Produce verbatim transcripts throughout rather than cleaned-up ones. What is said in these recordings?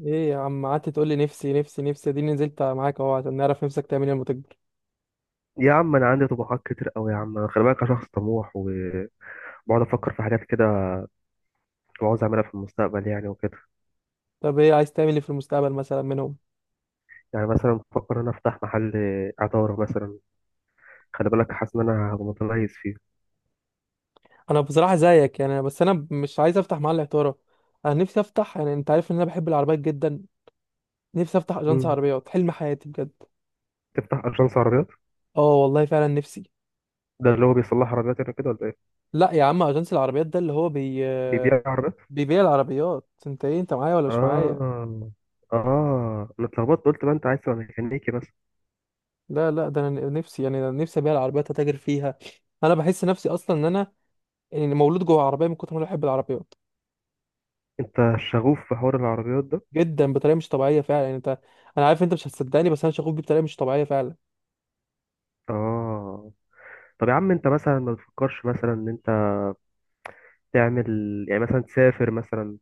ايه يا عم؟ قعدت تقول لي نفسي، نفسي، نفسي. دي نزلت معاك اهو عشان نعرف نفسك تعمل ايه لما تكبر. يا عم انا عندي طموحات كتير قوي يا عم، أنا خلي بالك انا شخص طموح وبقعد افكر في حاجات كده وعاوز اعملها في المستقبل يعني وكده. طب ايه عايز تعمل ايه في المستقبل مثلا منهم؟ يعني مثلا بفكر ان انا افتح محل عطاره مثلا، خلي بالك حاسس ان انا هبقى متميز فيه. انا بصراحه زيك يعني، بس انا مش عايز افتح محل عطاره. انا نفسي افتح، يعني انت عارف ان انا بحب العربيات جدا. نفسي افتح اجنس مم. عربيات، حلم حياتي بجد. تفتح اجنس عربيات؟ اه والله فعلا نفسي. ده اللي هو بيصلح عربيات يعني كده ولا ايه؟ لا يا عم، اجنس العربيات ده اللي هو بي بيبيع عربيات. بيبيع العربيات. انت ايه؟ انت معايا ولا مش معايا؟ اه اه انا اتلخبطت قلت بقى انت عايز تبقى ميكانيكي بس. لا لا، ده انا نفسي، يعني أنا نفسي ابيع العربيات، اتاجر فيها. انا بحس نفسي اصلا ان انا يعني مولود جوه عربيه من كتر ما انا بحب العربيات. انت شغوف في حوار العربيات ده. جدا، بطريقه مش طبيعيه فعلا، يعني انت، انا عارف انت مش هتصدقني، بس انا شغوف بيه بطريقه مش طبيعيه فعلا. اه، طب يا عم انت مثلا ما بتفكرش مثلا ان انت تعمل، يعني مثلا تسافر مثلا،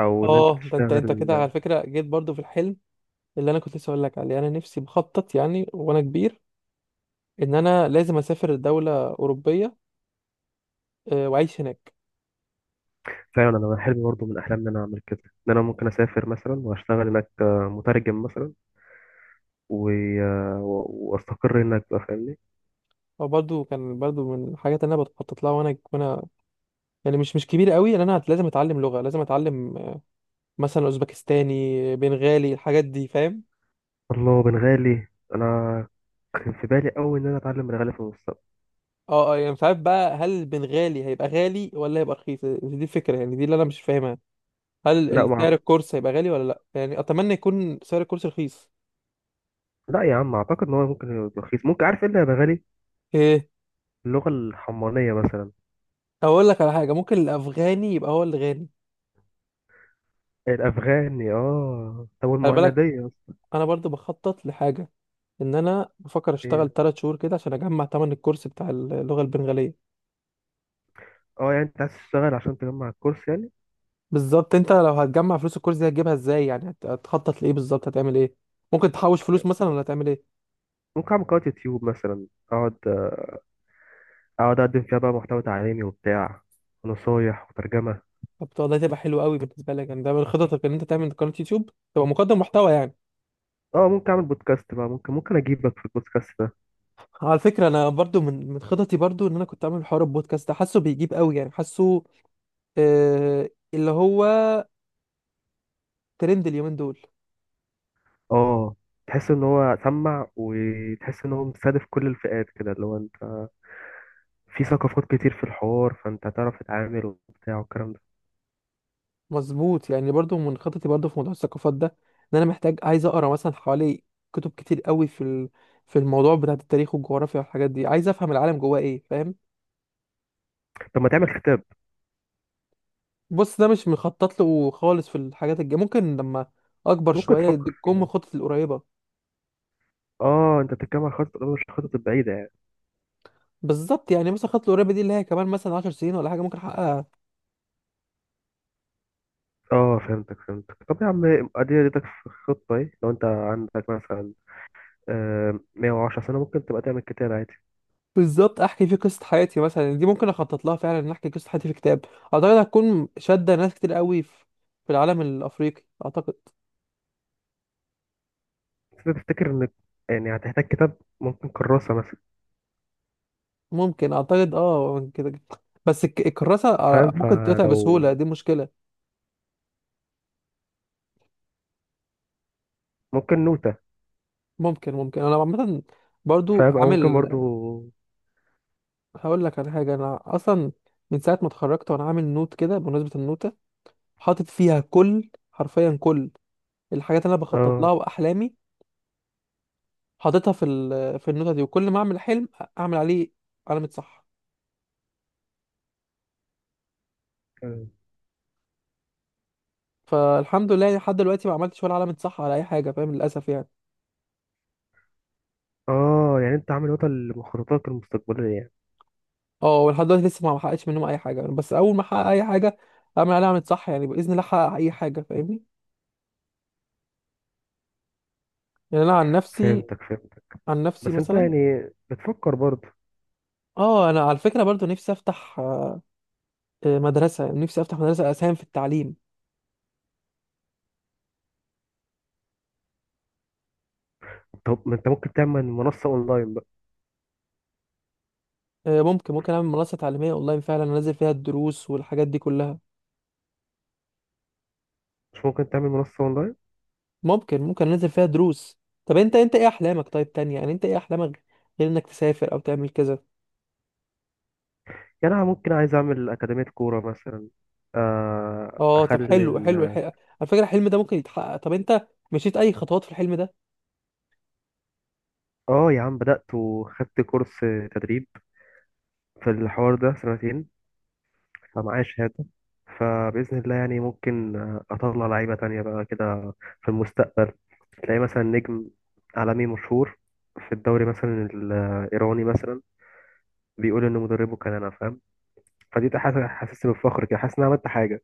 او ان انت اه، ده انت تشتغل. انت كده على فكره جيت برضو في الحلم اللي انا كنت لسه اقول لك عليه. انا نفسي بخطط يعني وانا كبير ان انا لازم اسافر دوله اوروبيه، آه، واعيش هناك. فعلا انا حلمي برضه من احلامي ان انا اعمل كده، ان انا ممكن اسافر مثلا واشتغل هناك، آه، مترجم مثلا و... آه، و- واستقر هناك بقى فاهمني. او برضو كان برضو من الحاجات اللي انا بخطط لها وانا وانا يعني مش مش كبير قوي، ان انا هت- لازم اتعلم لغه، لازم اتعلم، آه، مثلا اوزبكستاني، بنغالي، الحاجات دي فاهم. الله، بنغالي! انا كان في بالي قوي ان انا اتعلم بنغالي في المستقبل. اه اه، يعني مش عارف بقى هل البنغالي هيبقى غالي ولا هيبقى رخيص. دي الفكره يعني دي اللي انا مش فاهمها. هل ال- لا ال- ما سعر أعت- الكورس هيبقى غالي ولا لا؟ يعني اتمنى يكون سعر الكورس رخيص. لا يا عم اعتقد ان هو ممكن يبقى رخيص، ممكن عارف ايه اللي يا بنغالي ايه، اللغه الحمرانيه مثلا. اقول لك على حاجه، ممكن الافغاني يبقى هو اللي غني. الافغاني اه، طب خلي بالك، والمهنديه اصلا؟ انا برضو بخطط لحاجه، ان انا بفكر ايه؟ اشتغل 3 شهور كده عشان اجمع تمن الكورس بتاع اللغه البنغاليه. اه يعني انت عايز تشتغل عشان تجمع الكورس يعني. بالظبط، انت لو هتجمع فلوس الكورس دي هتجيبها ازاي؟ يعني هت- هتخطط لايه بالظبط؟ هتعمل ايه؟ ممكن تحوش فلوس مثلا ولا هتعمل ايه؟ ممكن اعمل قناه يوتيوب مثلا، اقعد اقعد اقدم فيها بقى محتوى تعليمي وبتاع ونصايح وترجمه. طب ده تبقى حلو قوي بالنسبه لك، يعني ده من خططك ان انت تعمل قناه يوتيوب، تبقى مقدم محتوى يعني. اه ممكن اعمل بودكاست بقى، ممكن ممكن اجيبك في البودكاست ده. على فكرة، أنا برضو من من خططي برضو إن أنا كنت أعمل حوار البودكاست ده، حاسه بيجيب قوي يعني، حاسه آه اللي هو ترند اليومين دول. اه تحس ان هو سمع وتحس ان هو مستهدف كل الفئات كده اللي هو انت في ثقافات كتير في الحوار، فانت هتعرف تتعامل وبتاع والكلام ده. مظبوط، يعني برضو من خططي برضو في موضوع الثقافات ده، إن أنا محتاج عايز أقرأ مثلا حوالي كتب كتير قوي في ال... في الموضوع بتاع التاريخ والجغرافيا والحاجات دي. عايز أفهم العالم جواه إيه فاهم. طب ما تعمل كتاب؟ بص، ده مش مخطط له خالص في الحاجات الجاية، ممكن لما أكبر ممكن شوية دي تفكر تكون من فيها. خططي القريبة. اه انت بتتكلم عن خطط مش الخطط البعيده يعني. بالظبط، يعني مثلا خططي القريبة دي اللي هي كمان مثلا 10 سنين ولا حاجة ممكن أحققها. اه فهمتك فهمتك، طب يا عم ادي اديتك في الخطه ايه، لو انت عندك مثلا آه مائة وعشر سنين سنه ممكن تبقى تعمل كتاب عادي. بالظبط، احكي فيه قصه حياتي مثلا، دي ممكن اخطط لها فعلا، ان احكي قصه حياتي في كتاب. اعتقد هتكون شاده ناس كتير قوي في في العالم الافريقي اعتقد. بس أنا بفتكر إن يعني هتحتاج كتاب، ممكن كراسة مثلا. ممكن، اعتقد، اه كده كده. بس الك- الكراسه آه، فاهم ممكن تتقطع فلو بسهوله، دي مشكله. ممكن نوتة؟ ممكن ممكن، انا عامه برضو فاهم، أو ممكن عامل. برضو هقول لك على حاجه، انا اصلا من ساعه ما اتخرجت وانا عامل نوت كده. بمناسبه النوته، حاطط فيها كل، حرفيا كل الحاجات اللي انا بخطط لها آه. واحلامي. حاططها في ال- في النوته دي، وكل ما اعمل حلم اعمل عليه علامه صح. فالحمد لله يعني، لحد دلوقتي ما عملتش ولا علامة صح على اي حاجة فاهم، للاسف يعني. آه يعني أنت عامل نوتة لمخططاتك المستقبلية يعني. اه، ولحد دلوقتي لسه ما حققتش منهم اي حاجة، بس اول ما احقق اي حاجة اعمل عليها علامة صح، يعني باذن الله احقق اي حاجة فاهمني. يعني انا عن نفسي، فهمتك فهمتك، عن نفسي بس أنت مثلا، يعني بتفكر برضو. اه، انا على فكرة برضو نفسي افتح، آه، آه، مدرسة. نفسي افتح مدرسة، اساهم في التعليم. طب ما أنت ممكن تعمل منصة أونلاين بقى؟ آه، ممكن ممكن اعمل منصة تعليمية اونلاين فعلا، انزل فيها الدروس والحاجات دي كلها. مش ممكن تعمل منصة أونلاين؟ ممكن ممكن انزل فيها دروس. طب انت انت ايه احلامك؟ طيب تانية، يعني انت ايه احلامك غير انك تسافر او تعمل كذا؟ يعني أنا ممكن عايز أعمل أكاديمية كورة مثلا، آه اه، طب أخلي حلو حلو الح... ال- على فكرة الحلم ده ممكن يتحقق. طب انت مشيت اي خطوات في الحلم ده؟ آه يا عم بدأت وخدت كورس تدريب في الحوار ده سنتين، فمعايا شهادة. فبإذن الله يعني ممكن، آه، أطلع لعيبة تانية بقى كده في المستقبل، تلاقي مثلا نجم عالمي مشهور في الدوري مثلا الإيراني مثلا بيقول إن مدربه كان أنا، فاهم؟ فدي حاجة حاسسني بالفخر كده، حاسس إن أنا عملت حاجة.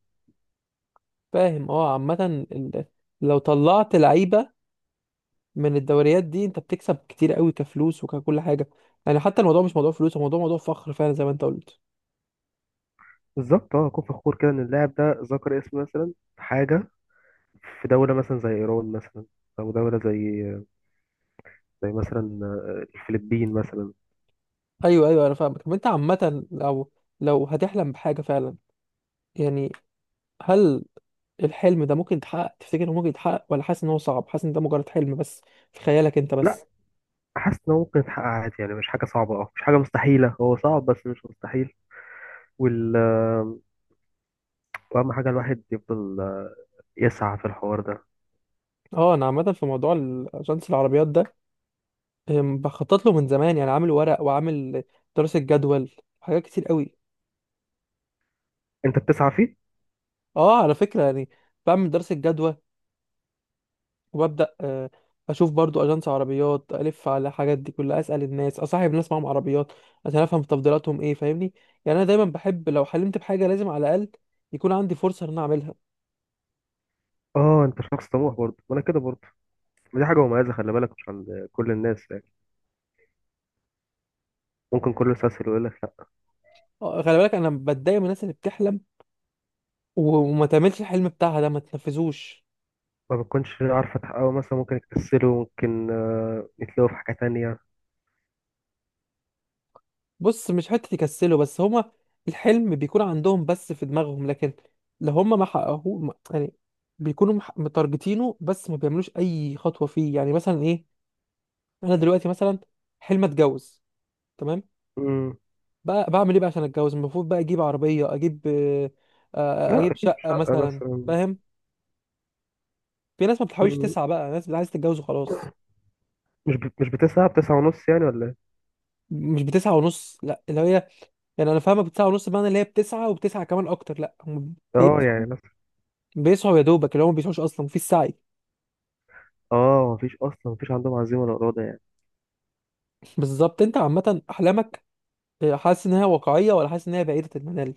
فاهم. اه، عامة ال... لو طلعت لعيبة من الدوريات دي انت بتكسب كتير قوي، كفلوس وككل حاجة. يعني حتى الموضوع مش موضوع فلوس، الموضوع موضوع موضوع فخر فعلا، زي ما انت قلت. بالظبط أه، أكون فخور كده إن اللاعب ده ذكر اسمي مثلا في حاجة، في دولة مثلا زي إيران مثلا، أو دولة زي زي مثلا، آه، الفلبين مثلا. ايوه، ايوه، انا فاهمك. طب انت عامة لو لو هتحلم بحاجة فعلا يعني، هل الحلم ده ممكن يتحقق؟ تفتكر انه ممكن يتحقق ولا حاسس ان هو صعب؟ حاسس ان ده مجرد حلم بس في خيالك انت لا، بس؟ حاسس إن هو ممكن يتحقق عادي، يعني مش حاجة صعبة، أه مش حاجة مستحيلة، هو صعب بس مش مستحيل. وال... واهم حاجه الواحد يفضل، آه، يسعى في الحوار ده. اه، انا عامة في موضوع الاجنس العربيات ده، أم، بخطط له من زمان يعني. عامل ورق وعامل دراسة جدول، حاجات كتير قوي. انت بتسعى فيه. اه على فكرة يعني، بعمل دراسة جدوى، وببدأ آه، اشوف برضو اجانس عربيات، الف على الحاجات دي كلها، اسأل الناس، اصاحب ناس معاهم عربيات عشان افهم تفضيلاتهم ايه فاهمني. يعني انا دايما بحب لو حلمت بحاجة لازم على الاقل يكون عندي فرصة ان انا اعملها. اه انت شخص طموح برضه، وانا كده برضه. دي حاجه مميزه، خلي بالك مش عند كل الناس يعني، ممكن كله يستسهل ويقول لك لا، آه، خلي بالك، انا بتضايق من الناس اللي بتحلم و- وما تعملش الحلم بتاعها ده، ما تنفذوش. ما بتكونش عارفه تحققه مثلا، ممكن يكسلوا، ممكن آه، يتلاقوا في حاجه تانية. بص، مش حتة يكسلوا بس، هما الحلم بيكون عندهم بس في دماغهم، لكن لو هما ما حققوه ما- يعني بيكونوا مح- متارجتينه، بس ما بيعملوش أي خطوة فيه. يعني مثلا إيه، أنا دلوقتي مثلا حلم أتجوز، تمام. امم. بقى بعمل إيه بقى عشان أتجوز؟ المفروض بقى أجيب عربية، أجيب آه، آه، لا أجيب اكيد شقة شقه مثلا. مثلا. فاهم؟ في ناس ما بتحاولش مم. تسعى، بقى ناس عايز تتجوز وخلاص. مش بت- مش بتسعى، بتسعة ونص يعني ولا ايه؟ مش بتسعى ونص، لا اللي هي، يعني انا فاهمه بتسعى ونص بمعنى اللي هي بتسعى وبتسعى كمان اكتر، لا هم اه يعني مثلا. بيسعوا يا دوبك، اللي هم ما بيسعوش اصلا في السعي. اه، مفيش اصلا، مفيش عندهم عزيمه ولا اراده يعني. بالظبط، انت عامه احلامك، آه، حاسس ان هي واقعيه ولا حاسس ان هي بعيده المنال؟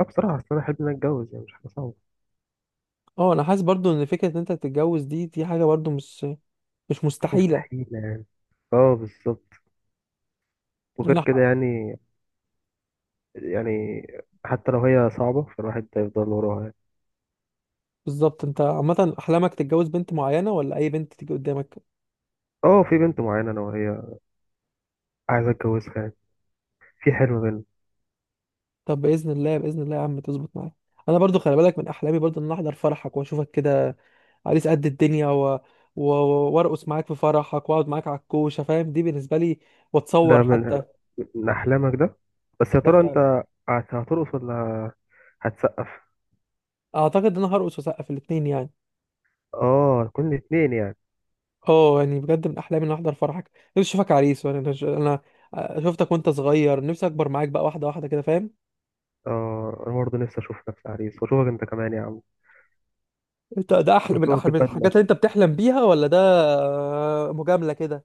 اه بصراحه، اصل انا احب ان أنا اتجوز يعني، مش حاجه صعبه. اه، انا حاسس برضو ان فكره ان انت تتجوز دي دي حاجه برضو مش مش مش مستحيله. مستحيل يعني. اه بالظبط. وغير انا كده ح- يعني، يعني حتى لو هي صعبة فالواحد هيفضل وراها يعني. بالظبط، انت عامه احلامك تتجوز بنت معينه ولا اي بنت تيجي قدامك؟ اه في بنت معينة انا وهي عايز اتجوزها يعني، في حلم بينا. طب باذن الله، باذن الله يا عم تظبط معايا. انا برضو خلي بالك، من احلامي برضو ان انا احضر فرحك، واشوفك كده عريس قد الدنيا، و... و... وارقص معاك في فرحك، واقعد معاك على الكوشه فاهم، دي بالنسبه لي، واتصور ده من حتى. من احلامك ده، بس يا ده ترى انت هت- هترقص ولا هتسقف؟ اعتقد ان انا هرقص واسقف الاثنين يعني. اه كل الاتنين يعني. اه، يعني بجد من احلامي ان أنا احضر فرحك، نفسي اشوفك عريس، وانا انا أنا شفتك وانت صغير، نفسي اكبر معاك بقى واحده واحده كده فاهم. اه انا برضه نفسي اشوف نفسي عريس واشوفك انت كمان يا عم، انت ده احلى، من اشوفك احلى من الحاجات بالبدلة. اللي انت بتحلم بيها، ولا ده آه، مجامله كده؟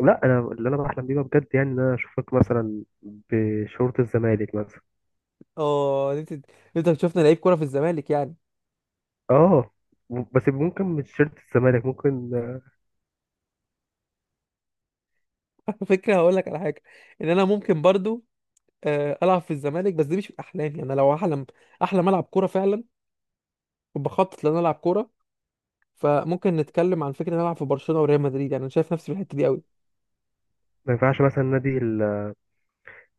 لا انا اللي انا بحلم بيه بقى بجد يعني، ان انا اشوفك مثلا بشورت الزمالك مثلا. اه، إن انت، إن انت شفنا لعيب كوره في الزمالك يعني. اه، بس ممكن مش شرط الزمالك، ممكن على فكره، هقول لك على حاجه ان انا ممكن برضو آه، العب في الزمالك، بس دي مش من احلامي. انا لو احلم، احلم العب كوره فعلا، وبخطط ان انا العب كوره. فممكن نتكلم عن فكره ان انا العب في برشلونه وريال مدريد، يعني انا شايف نفسي في الحته دي قوي. ما ينفعش مثلا نادي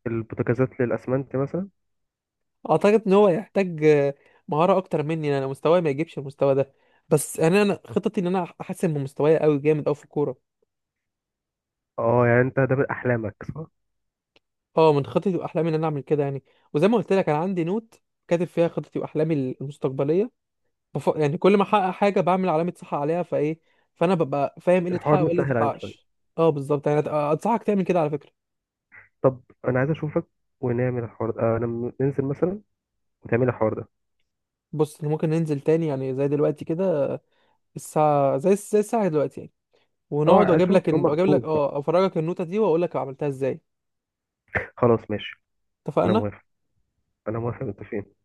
البوتاجازات للأسمنت مثلا. اعتقد ان هو يحتاج آه، مهاره اكتر مني، انا مستواي ما يجيبش المستوى ده. بس انا انا خطتي ان انا احسن من مستواي قوي جامد قوي في الكوره. اه يعني انت ده من أحلامك صح؟ اه، من خطتي واحلامي ان انا اعمل كده يعني. وزي ما قلت لك، انا عندي نوت كاتب فيها خطتي واحلامي المستقبليه. بف... يعني كل ما احقق حاجه بعمل علامه صح عليها، فايه فانا ببقى فاهم ايه اللي اتحقق الحوار وايه اللي متسهل عليك شوية. متحققش. اه بالظبط يعني، أت- انصحك تعمل كده على فكره. طب أنا عايز أشوفك ونعمل الحوار ده آه لما ننزل مثلا، وتعمل الحوار ده. بص إحنا ممكن ننزل تاني يعني، زي دلوقتي كده. الساعه زي زي الساعه دلوقتي يعني. اه ونقعد، عايز واجيب لك أشوفك يوم ال- واجيب مخصوص لك بقى. اه افرجك النوتة دي واقول لك عملتها ازاي. خلاص ماشي. أنا اتفقنا. موافق، أنا موافق، متفقين.